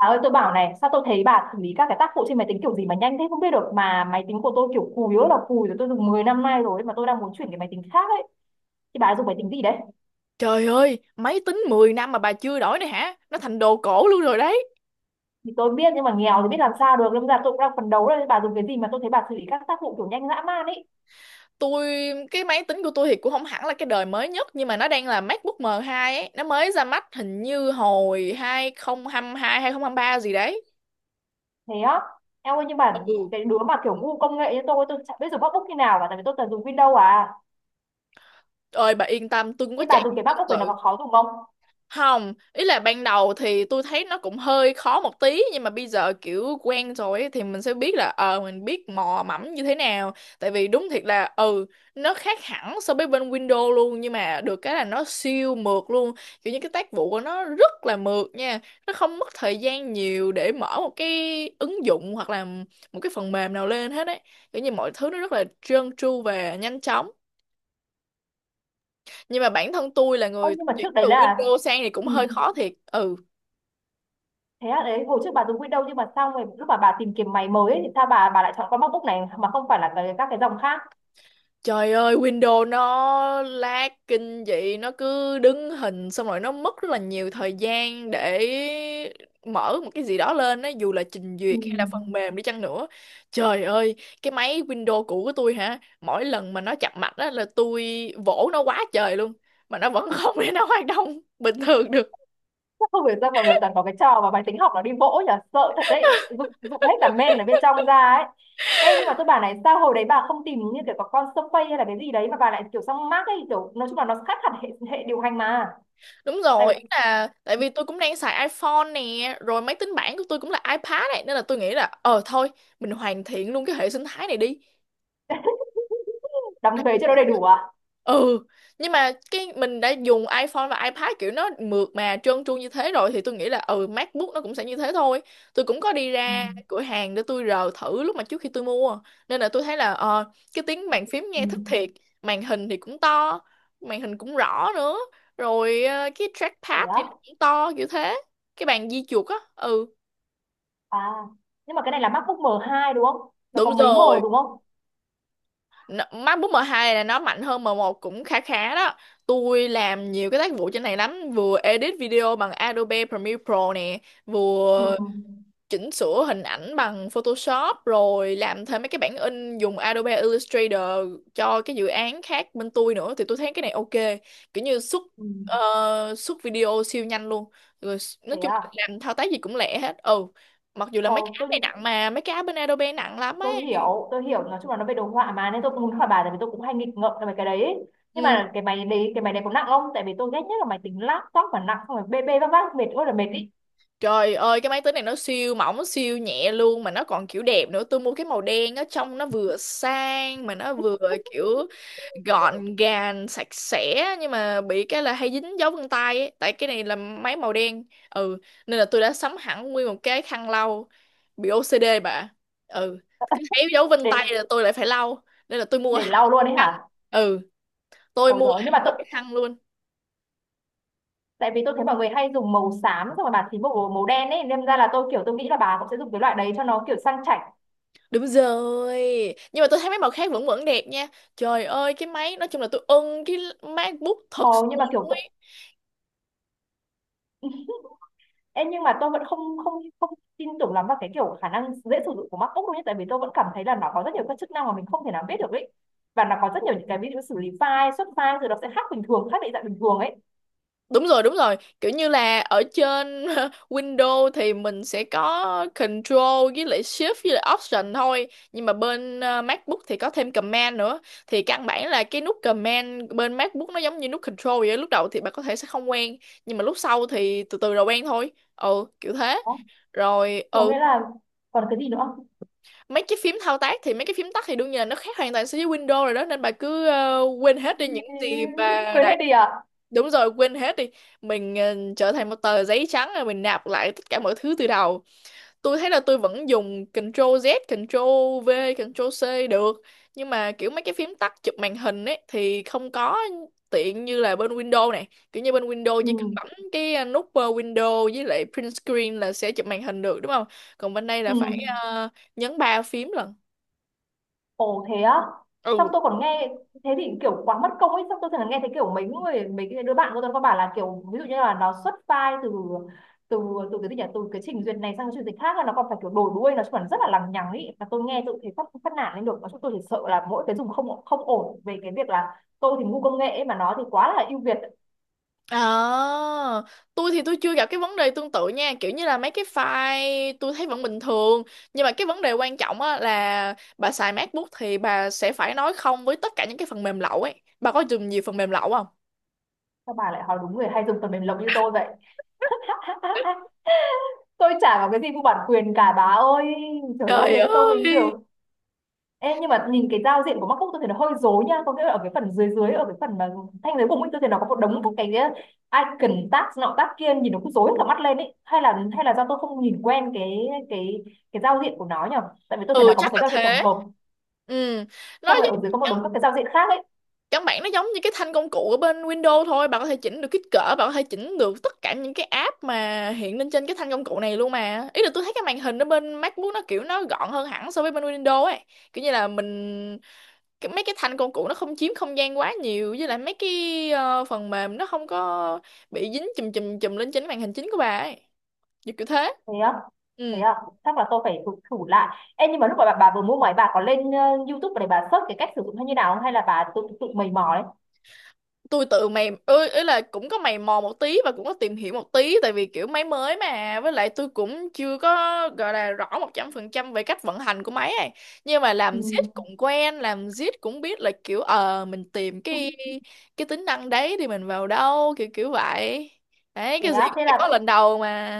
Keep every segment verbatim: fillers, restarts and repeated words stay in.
Bà ơi, tôi bảo này, sao tôi thấy bà xử lý các cái tác vụ trên máy tính kiểu gì mà nhanh thế không biết được, mà máy tính của tôi kiểu cùi rất là cùi rồi, tôi dùng mười năm nay rồi mà tôi đang muốn chuyển cái máy tính khác ấy. Thì bà dùng máy tính gì đấy? Trời ơi, máy tính mười năm mà bà chưa đổi này hả? Nó thành đồ cổ luôn rồi đấy. Thì tôi biết nhưng mà nghèo thì biết làm sao được, lâm ra tôi cũng đang phấn đấu đây. Bà dùng cái gì mà tôi thấy bà xử lý các tác vụ kiểu nhanh dã man ấy? Tôi cái máy tính của tôi thì cũng không hẳn là cái đời mới nhất nhưng mà nó đang là MacBook em hai ấy, nó mới ra mắt hình như hồi hai không hai hai ba gì đấy. Thế á? Em ơi, nhưng mà Ừ. cái đứa mà kiểu ngu công nghệ như tôi tôi chẳng biết dùng MacBook như nào cả, tại vì tôi toàn dùng Windows à. Ơi bà yên tâm, tôi cũng có Thế bà chạy dùng cái tương MacBook này nó tự. có khó dùng không? Không, ý là ban đầu thì tôi thấy nó cũng hơi khó một tí nhưng mà bây giờ kiểu quen rồi ấy, thì mình sẽ biết là ờ mình biết mò mẫm như thế nào. Tại vì đúng thiệt là ừ nó khác hẳn so với bên Windows luôn nhưng mà được cái là nó siêu mượt luôn. Kiểu như cái tác vụ của nó rất là mượt nha. Nó không mất thời gian nhiều để mở một cái ứng dụng hoặc là một cái phần mềm nào lên hết ấy. Kiểu như mọi thứ nó rất là trơn tru và nhanh chóng. Nhưng mà bản thân tôi là Ơ người nhưng mà chuyển trước đấy từ là. Windows sang thì cũng Ừ. hơi khó thiệt. Ừ. Thế à, đấy hồi trước bà dùng Windows nhưng mà sao mà lúc mà bà tìm kiếm máy mới ấy, thì sao bà bà lại chọn con MacBook này mà không phải là cái, các cái dòng khác? Trời ơi, Windows nó lag kinh dị, nó cứ đứng hình xong rồi nó mất rất là nhiều thời gian để mở một cái gì đó lên á, dù là trình Ừ. duyệt hay là phần mềm đi chăng nữa. Trời ơi, cái máy Windows cũ của tôi hả, mỗi lần mà nó chập mạch á là tôi vỗ nó quá trời luôn, mà nó vẫn không để nó hoạt động bình thường được. Chắc không hiểu sao mọi người toàn có cái trò mà máy tính học nó đi vỗ nhỉ, sợ thật đấy, dụng, dụng hết cả main ở bên trong ra ấy. Ê, nhưng mà tôi bảo này, sao hồi đấy bà không tìm như kiểu có con Surface hay là cái gì đấy mà bà lại kiểu sang Mac ấy, kiểu nói chung là nó khác hẳn hệ, hệ điều hành mà. Đúng Tại vì rồi, ý là tại vì tôi cũng đang xài iPhone nè, rồi máy tính bảng của tôi cũng là iPad này nên là tôi nghĩ là ờ thôi, mình hoàn thiện luôn cái hệ sinh thái này đi. đóng thuế cho nó Đấy. đầy đủ à. ừ nhưng mà cái mình đã dùng iPhone và iPad kiểu nó mượt mà trơn tru như thế rồi thì tôi nghĩ là ừ MacBook nó cũng sẽ như thế thôi. Tôi cũng có đi Ừ. ra cửa hàng để tôi rờ thử lúc mà trước khi tôi mua, nên là tôi thấy là ờ, cái tiếng bàn phím Ừ. nghe thích thiệt. Màn hình thì cũng to, màn hình cũng rõ nữa. Rồi ờ, cái Thế trackpad á? thì nó cũng to kiểu thế, cái bàn di chuột á. ừ À nhưng mà cái này là MacBook m hai đúng không? Nó có Đúng mấy M rồi. đúng không? N- MacBook em hai là nó mạnh hơn em một cũng khá khá đó. Tôi làm nhiều cái tác vụ trên này lắm, vừa edit video bằng Adobe Premiere Pro nè, Ừ. vừa chỉnh sửa hình ảnh bằng Photoshop, rồi làm thêm mấy cái bản in dùng Adobe Illustrator cho cái dự án khác bên tôi nữa, thì tôi thấy cái này ok. Kiểu như xuất Ừ, ờ, xuất video siêu nhanh luôn. Rồi s- nói thế chung là à. làm thao tác gì cũng lẹ hết. Ừ. Mặc dù là mấy cái Ồ, app tôi này nặng, mà mấy cái app bên Adobe nặng lắm ấy. tôi hiểu, tôi hiểu, nói chung là nó về đồ họa mà nên tôi cũng muốn hỏi bà, tại vì tôi cũng hay nghịch ngợm về cái đấy ấy. Nhưng Ừ. mà cái máy đấy, cái máy này có nặng không? Tại vì tôi ghét nhất là máy tính laptop mà nặng, không phải bê bê vác vác mệt ơi là mệt ý. Trời ơi, cái máy tính này nó siêu mỏng siêu nhẹ luôn, mà nó còn kiểu đẹp nữa. Tôi mua cái màu đen á, trông nó vừa sang mà nó vừa kiểu gọn gàng sạch sẽ, nhưng mà bị cái là hay dính dấu vân tay ấy. Tại cái này là máy màu đen. ừ Nên là tôi đã sắm hẳn nguyên một cái khăn lau, bị ô xê đê bà. ừ Cứ thấy dấu vân tay để là tôi lại phải lau, nên là tôi mua để hẳn lau một luôn ấy cái khăn. hả? ừ tôi Ôi mua rồi, nhưng mà hẳn một tôi, cái khăn luôn. tại vì tôi thấy mọi người hay dùng màu xám, xong rồi bà thì màu màu đen ấy nên ra là tôi kiểu tôi nghĩ là bà cũng sẽ dùng cái loại đấy cho nó kiểu sang chảnh. Đúng rồi. Nhưng mà tôi thấy mấy màu khác vẫn vẫn đẹp nha. Trời ơi cái máy. Nói chung là tôi ưng cái MacBook thật sự Ồ nhưng mà kiểu luôn tôi, ấy. ừ. Ê, nhưng mà tôi vẫn không không không tin tưởng lắm vào cái kiểu khả năng dễ sử dụng của MacBook đâu nhé, tại vì tôi vẫn cảm thấy là nó có rất nhiều các chức năng mà mình không thể nào biết được ấy, và nó có rất nhiều những cái ví dụ xử lý file, xuất file rồi nó sẽ khác bình thường, khác định dạng bình thường ấy. Đúng rồi, đúng rồi. Kiểu như là ở trên Windows thì mình sẽ có Control với lại Shift với lại Option thôi. Nhưng mà bên ờ, MacBook thì có thêm Command nữa. Thì căn bản là cái nút Command bên MacBook nó giống như nút Control vậy á. Lúc đầu thì bạn có thể sẽ không quen, nhưng mà lúc sau thì từ từ rồi quen thôi. Ừ kiểu thế. Đó. Thế Rồi có ừ nghĩa là còn cái gì nữa không? mấy cái phím thao tác thì mấy cái phím tắt thì đương nhiên là nó khác hoàn toàn so với Windows rồi đó, nên bà cứ ờ, quên hết đi những gì bà Quên đã. hết đi à? Đúng rồi, quên hết đi. Mình ờ, trở thành một tờ giấy trắng rồi mình nạp lại tất cả mọi thứ từ đầu. Tôi thấy là tôi vẫn dùng Ctrl Z, Ctrl V, Ctrl C được, nhưng mà kiểu mấy cái phím tắt chụp màn hình ấy thì không có tiện như là bên Windows này. Kiểu như bên Windows Ừ. chỉ cần bấm cái ờ, nút ờ, Windows với lại print screen là sẽ chụp màn hình được, đúng không? Còn bên đây Ừ. là phải ờ, nhấn ba phím lận. Ồ thế á. Xong ừ tôi còn nghe. Thế thì kiểu quá mất công ấy. Xong tôi thường nghe thấy kiểu mấy người, mấy cái đứa bạn của tôi có bảo là kiểu, ví dụ như là nó xuất file từ từ từ cái gì nhỉ, từ cái trình duyệt này sang cái trình duyệt khác là nó còn phải kiểu đổi đuôi, nó còn rất là lằng nhằng ấy, và tôi nghe tôi thấy phát phát nản lên được. Nói chung tôi chỉ sợ là mỗi cái dùng không không ổn về cái việc là tôi thì ngu công nghệ ấy, mà nó thì quá là ưu việt. À, tôi thì tôi chưa gặp cái vấn đề tương tự nha, kiểu như là mấy cái file tôi thấy vẫn bình thường. Nhưng mà cái vấn đề quan trọng á là bà xài MacBook thì bà sẽ phải nói không với tất cả những cái phần mềm lậu ấy. Bà có dùng nhiều phần mềm lậu không? Sao bà lại hỏi đúng người hay dùng phần mềm lộc như tôi vậy? Tôi chả có cái gì mua bản quyền cả bà ơi. Trời ơi Trời thế nên tôi mình ơi. kiểu. Ê, nhưng mà nhìn cái giao diện của MacBook tôi thấy nó hơi rối nha, có nghĩa là ở cái phần dưới dưới, ở cái phần mà thanh dưới cùng ấy tôi thấy nó có một đống các cái icon, tab nọ tab kia nhìn nó cũng rối cả mắt lên ấy, hay là hay là do tôi không nhìn quen cái cái cái giao diện của nó nhở, tại vì tôi thấy ừ nó có Chắc một cái là giao diện tổng thế. hợp ừ nó xong rồi ở dưới có một giống, đống các cái giao diện khác ấy. căn bản nó giống như cái thanh công cụ ở bên Windows thôi. Bạn có thể chỉnh được kích cỡ, bạn có thể chỉnh được tất cả những cái app mà hiện lên trên cái thanh công cụ này luôn mà. Ý là tôi thấy cái màn hình ở bên MacBook nó kiểu nó gọn hơn hẳn so với bên Windows ấy. Kiểu như là mình cái, mấy cái thanh công cụ nó không chiếm không gian quá nhiều, với lại mấy cái ờ, phần mềm nó không có bị dính chùm chùm chùm lên trên cái màn hình chính của bà ấy, kiểu kiểu thế. Thế á, ừ thế à, chắc là tôi phải thử, thử lại. Ê, nhưng mà lúc mà bà, bà vừa mua máy, bà có lên ờ, YouTube để bà search cái cách sử dụng hay như nào không, hay là bà tự tự mày mò đấy? tôi tự mày ơi, ý là cũng có mày mò một tí và cũng có tìm hiểu một tí, tại vì kiểu máy mới mà, với lại tôi cũng chưa có gọi là rõ một trăm phần trăm về cách vận hành của máy này. Nhưng mà Ừ. làm zip cũng quen, làm zip cũng biết là kiểu ờ mình tìm cái cái tính năng đấy thì mình vào đâu, kiểu kiểu vậy. Đấy, Thế cái gì á, cũng thế phải có là. lần đầu mà.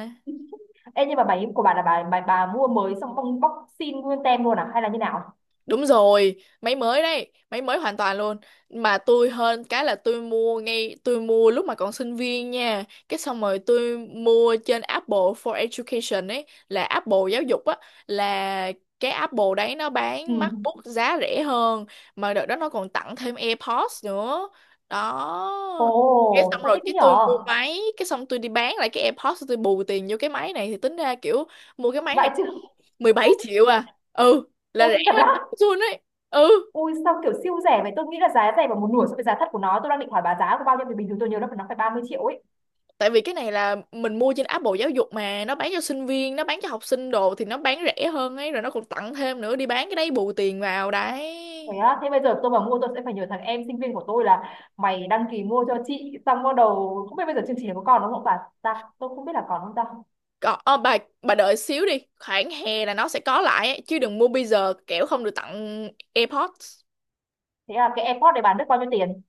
Ê, nhưng mà bài của bà là bà, bà bà mua mới xong bong bóc xin nguyên tem luôn à hay là như nào? Đúng rồi, máy mới đấy, máy mới hoàn toàn luôn. Mà tôi hơn cái là tôi mua ngay, tôi mua lúc mà còn sinh viên nha. Cái xong rồi tôi mua trên Apple for Education ấy, là Apple giáo dục á, là cái Apple đấy nó Ừ. bán MacBook giá rẻ hơn. Mà đợt đó nó còn tặng thêm AirPods nữa. Đó. Cái Ồ, xong sao rồi thích thế cái tôi nhở? mua máy, cái xong tôi đi bán lại cái AirPods, tôi bù tiền vô cái máy này thì tính ra kiểu mua cái máy Vậy này chứ. mười bảy triệu à. ừ là Ôi rẻ thật hơn á. Amazon ấy. ừ Ui sao kiểu siêu rẻ vậy? Tôi nghĩ là giá rẻ bằng một nửa so với giá thật của nó. Tôi đang định hỏi bà giá của bao nhiêu vì bình thường tôi nhớ là nó phải ba mươi triệu ấy. Tại vì cái này là mình mua trên app Bộ Giáo dục mà, nó bán cho sinh viên, nó bán cho học sinh đồ thì nó bán rẻ hơn ấy, rồi nó còn tặng thêm nữa, đi bán cái đấy bù tiền vào đấy. Thế á, thế bây giờ tôi mà mua tôi sẽ phải nhờ thằng em sinh viên của tôi là mày đăng ký mua cho chị, xong bắt đầu không biết bây giờ chương trình này có còn đúng không bà? Ta, tôi không biết là còn không ta. Còn ờ, bà bà đợi xíu đi, khoảng hè là nó sẽ có lại ấy, chứ đừng mua bây giờ kẻo không được tặng AirPods. Thế là cái AirPod này bán được bao nhiêu tiền?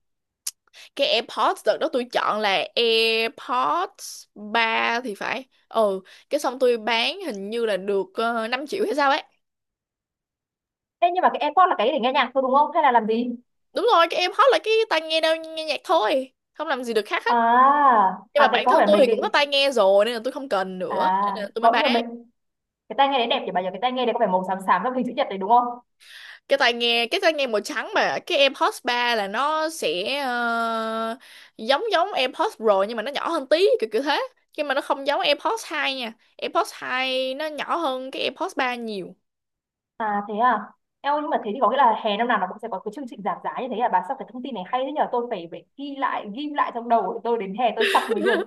Cái AirPods đợt đó tôi chọn là AirPods ba thì phải. ừ cái xong tôi bán hình như là được uh, 5 triệu hay sao ấy. Ê, nhưng mà cái AirPod là cái để nghe nhạc thôi đúng không? Hay là làm gì? Đúng rồi, các em hot là cái tai nghe đâu, nghe nhạc thôi, không làm gì được khác hết. À. Nhưng À mà cái bản có thân phải tôi mấy thì cái. cũng có tai nghe rồi nên là tôi không cần nữa À, nên là tôi mới có bán. nhiều mệnh cái tai nghe đấy đẹp nhỉ bà nhỉ? Cái tai nghe đấy có phải màu xám xám trong hình chữ nhật đấy đúng không? Cái tai nghe, cái tai nghe màu trắng mà. Cái AirPods ba là nó sẽ ờ, giống giống AirPods Pro nhưng mà nó nhỏ hơn tí, kiểu kiểu thế. Nhưng mà nó không giống AirPods hai nha, AirPods hai nó nhỏ hơn cái AirPods ba nhiều. À thế à. Eo nhưng mà thế thì có nghĩa là hè năm nào nó cũng sẽ có cái chương trình giảm giá như thế à? Bà sao cái thông tin này hay thế nhờ, tôi phải phải ghi lại ghi lại trong đầu để tôi đến hè tôi sắp mới được.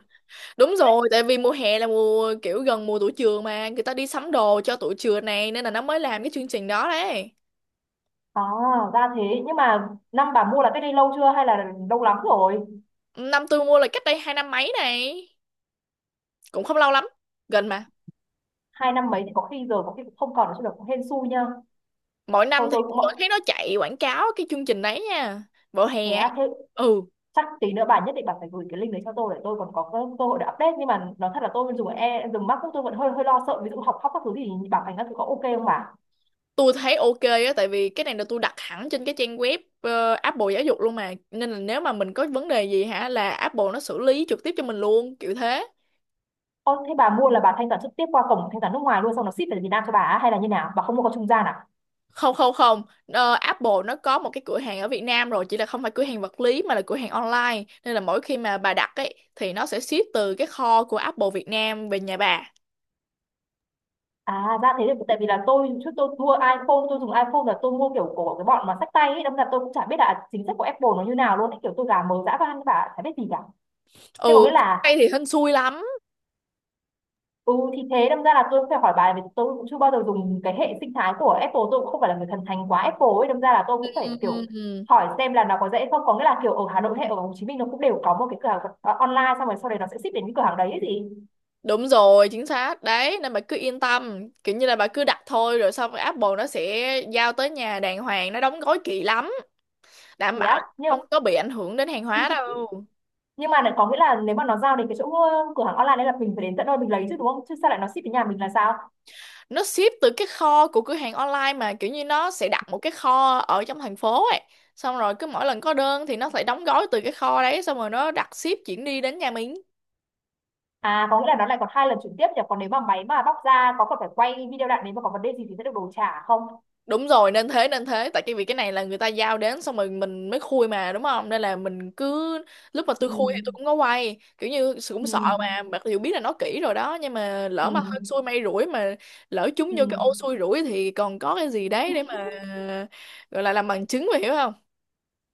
Đúng rồi, tại vì mùa hè là mùa kiểu gần mùa tụi trường mà, người ta đi sắm đồ cho tụi trường này nên là nó mới làm cái chương trình đó đấy. À ra thế, nhưng mà năm bà mua là cách đây lâu chưa hay là lâu lắm rồi? Năm tôi mua là cách đây hai năm mấy này, cũng không lâu lắm, gần mà. Hai năm mấy thì có khi rồi có khi cũng không còn nữa chứ được, cũng hên xui nha. Mỗi Thôi năm thì tôi cũng tôi mọi thấy nó chạy quảng cáo cái chương trình đấy nha, vào thế hè ấy. à, thế ừ chắc tí nữa bà nhất định bà phải gửi cái link đấy cho tôi để tôi còn có cơ, hội để update, nhưng mà nói thật là tôi dùng e dùng MacBook tôi vẫn hơi hơi lo sợ, ví dụ học khóc các thứ thì bảo hành các thứ có ok không bà? tôi thấy ok á, tại vì cái này là tôi đặt hẳn trên cái trang web ờ, Apple giáo dục luôn mà, nên là nếu mà mình có vấn đề gì hả là Apple nó xử lý trực tiếp cho mình luôn, kiểu thế. Ô, thế bà mua là bà thanh toán trực tiếp qua cổng thanh toán nước ngoài luôn xong nó ship về Việt Nam cho bà á, hay là như nào? Bà không mua qua trung gian à? Không, không, không. Ờ, Apple nó có một cái cửa hàng ở Việt Nam rồi, chỉ là không phải cửa hàng vật lý mà là cửa hàng online, nên là mỗi khi mà bà đặt ấy thì nó sẽ ship từ cái kho của Apple Việt Nam về nhà bà. À ra thế, thì tại vì là tôi trước tôi mua iPhone, tôi dùng iPhone là tôi mua kiểu của cái bọn mà xách tay ấy, đâm ra tôi cũng chả biết là chính sách của Apple nó như nào luôn ấy. Kiểu tôi gà mờ dã van bà, chả biết gì cả. Thế có ừ nghĩa là. Tay thì hên xui lắm. Ừ thì thế, đâm ra là tôi cũng phải hỏi bà, vì tôi cũng chưa bao giờ dùng cái hệ sinh thái của Apple, tôi cũng không phải là người thần thánh quá Apple ấy, đâm ra là tôi cũng phải kiểu Ừm, hỏi xem là nó có dễ không, có nghĩa là kiểu ở Hà Nội hay ở Hồ Chí Minh nó cũng đều có một cái cửa hàng ờ, online xong rồi sau đấy nó sẽ ship đến cái cửa hàng đấy ấy gì. đúng rồi chính xác đấy, nên bà cứ yên tâm, kiểu như là bà cứ đặt thôi rồi xong rồi Apple nó sẽ giao tới nhà đàng hoàng, nó đóng gói kỹ lắm, đảm Thế bảo á, không nhưng có bị ảnh hưởng đến hàng hóa đâu. nhưng mà lại có nghĩa là nếu mà nó giao đến cái chỗ ờ, cửa hàng online đấy là mình phải đến tận nơi mình lấy chứ đúng không, chứ sao lại nó ship đến nhà mình là sao? Nó ship từ cái kho của cửa hàng online mà, kiểu như nó sẽ đặt một cái kho ở trong thành phố ấy, xong rồi cứ mỗi lần có đơn thì nó phải đóng gói từ cái kho đấy xong rồi nó đặt ship chuyển đi đến nhà mình. À có nghĩa là nó lại còn hai lần chuyển tiếp nhỉ, còn nếu mà máy mà bóc ra có còn phải quay video lại nếu mà có vấn đề gì thì sẽ được đổi trả không? Đúng rồi, nên thế nên thế. Tại cái vì cái này là người ta giao đến xong rồi mình mới khui mà, đúng không? Nên là mình cứ, lúc mà Ừ. tôi khui thì tôi cũng có quay, kiểu như sự cũng sợ mà, Ừ. mặc dù biết là nó kỹ rồi đó, nhưng mà Ừ. lỡ mà hên xui may rủi mà, lỡ trúng Ừ. vô cái Ừ. ô xui rủi thì còn có cái gì đấy để mà gọi là làm bằng chứng mà, hiểu không?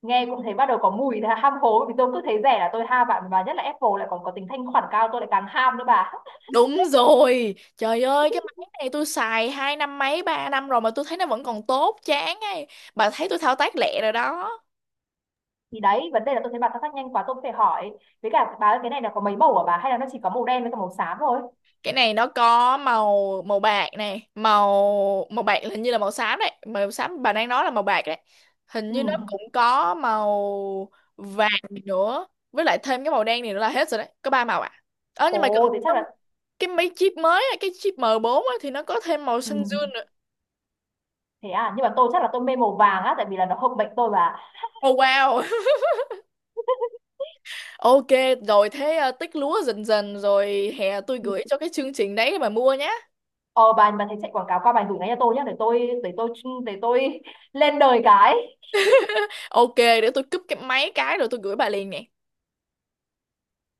Nghe cũng thấy bắt đầu có mùi là ham hố, vì tôi cứ thấy rẻ là tôi ham bạn, và nhất là Apple lại còn có tính thanh khoản cao tôi lại càng ham nữa bà. Đúng rồi, trời ơi cái máy này tôi xài hai năm mấy ba năm rồi mà tôi thấy nó vẫn còn tốt chán ấy. Bà thấy tôi thao tác lẹ rồi đó. Thì đấy vấn đề là tôi thấy bà thao tác nhanh quá tôi cũng phải hỏi. Với cả bà ơi, cái này là có mấy màu hả bà, hay là nó chỉ có màu đen với cả màu xám thôi? Cái này nó có màu màu bạc này, màu màu bạc hình như là màu xám đấy, màu xám bà đang nói là màu bạc đấy. Hình Ừ. như nó cũng có màu vàng nữa, với lại thêm cái màu đen này nữa là hết rồi đấy, có ba màu ạ. Ờ nhưng mà cần Ồ thế chắc là. cái mấy chip mới á, cái chip em bốn á, thì nó có thêm màu Ừ xanh dương nữa. thế à, nhưng mà tôi chắc là tôi mê màu vàng á, tại vì là nó hợp mệnh tôi bà. Oh wow. Ok rồi, thế ờ, tích lúa dần dần rồi hè tôi gửi cho cái chương trình đấy để bà mua nhá. Ờ bà bà thấy chạy quảng cáo qua bài gửi ngay cho tôi nhá để tôi để tôi để tôi lên đời cái. Ok, để tôi cúp cái máy cái rồi tôi gửi bà liền nè.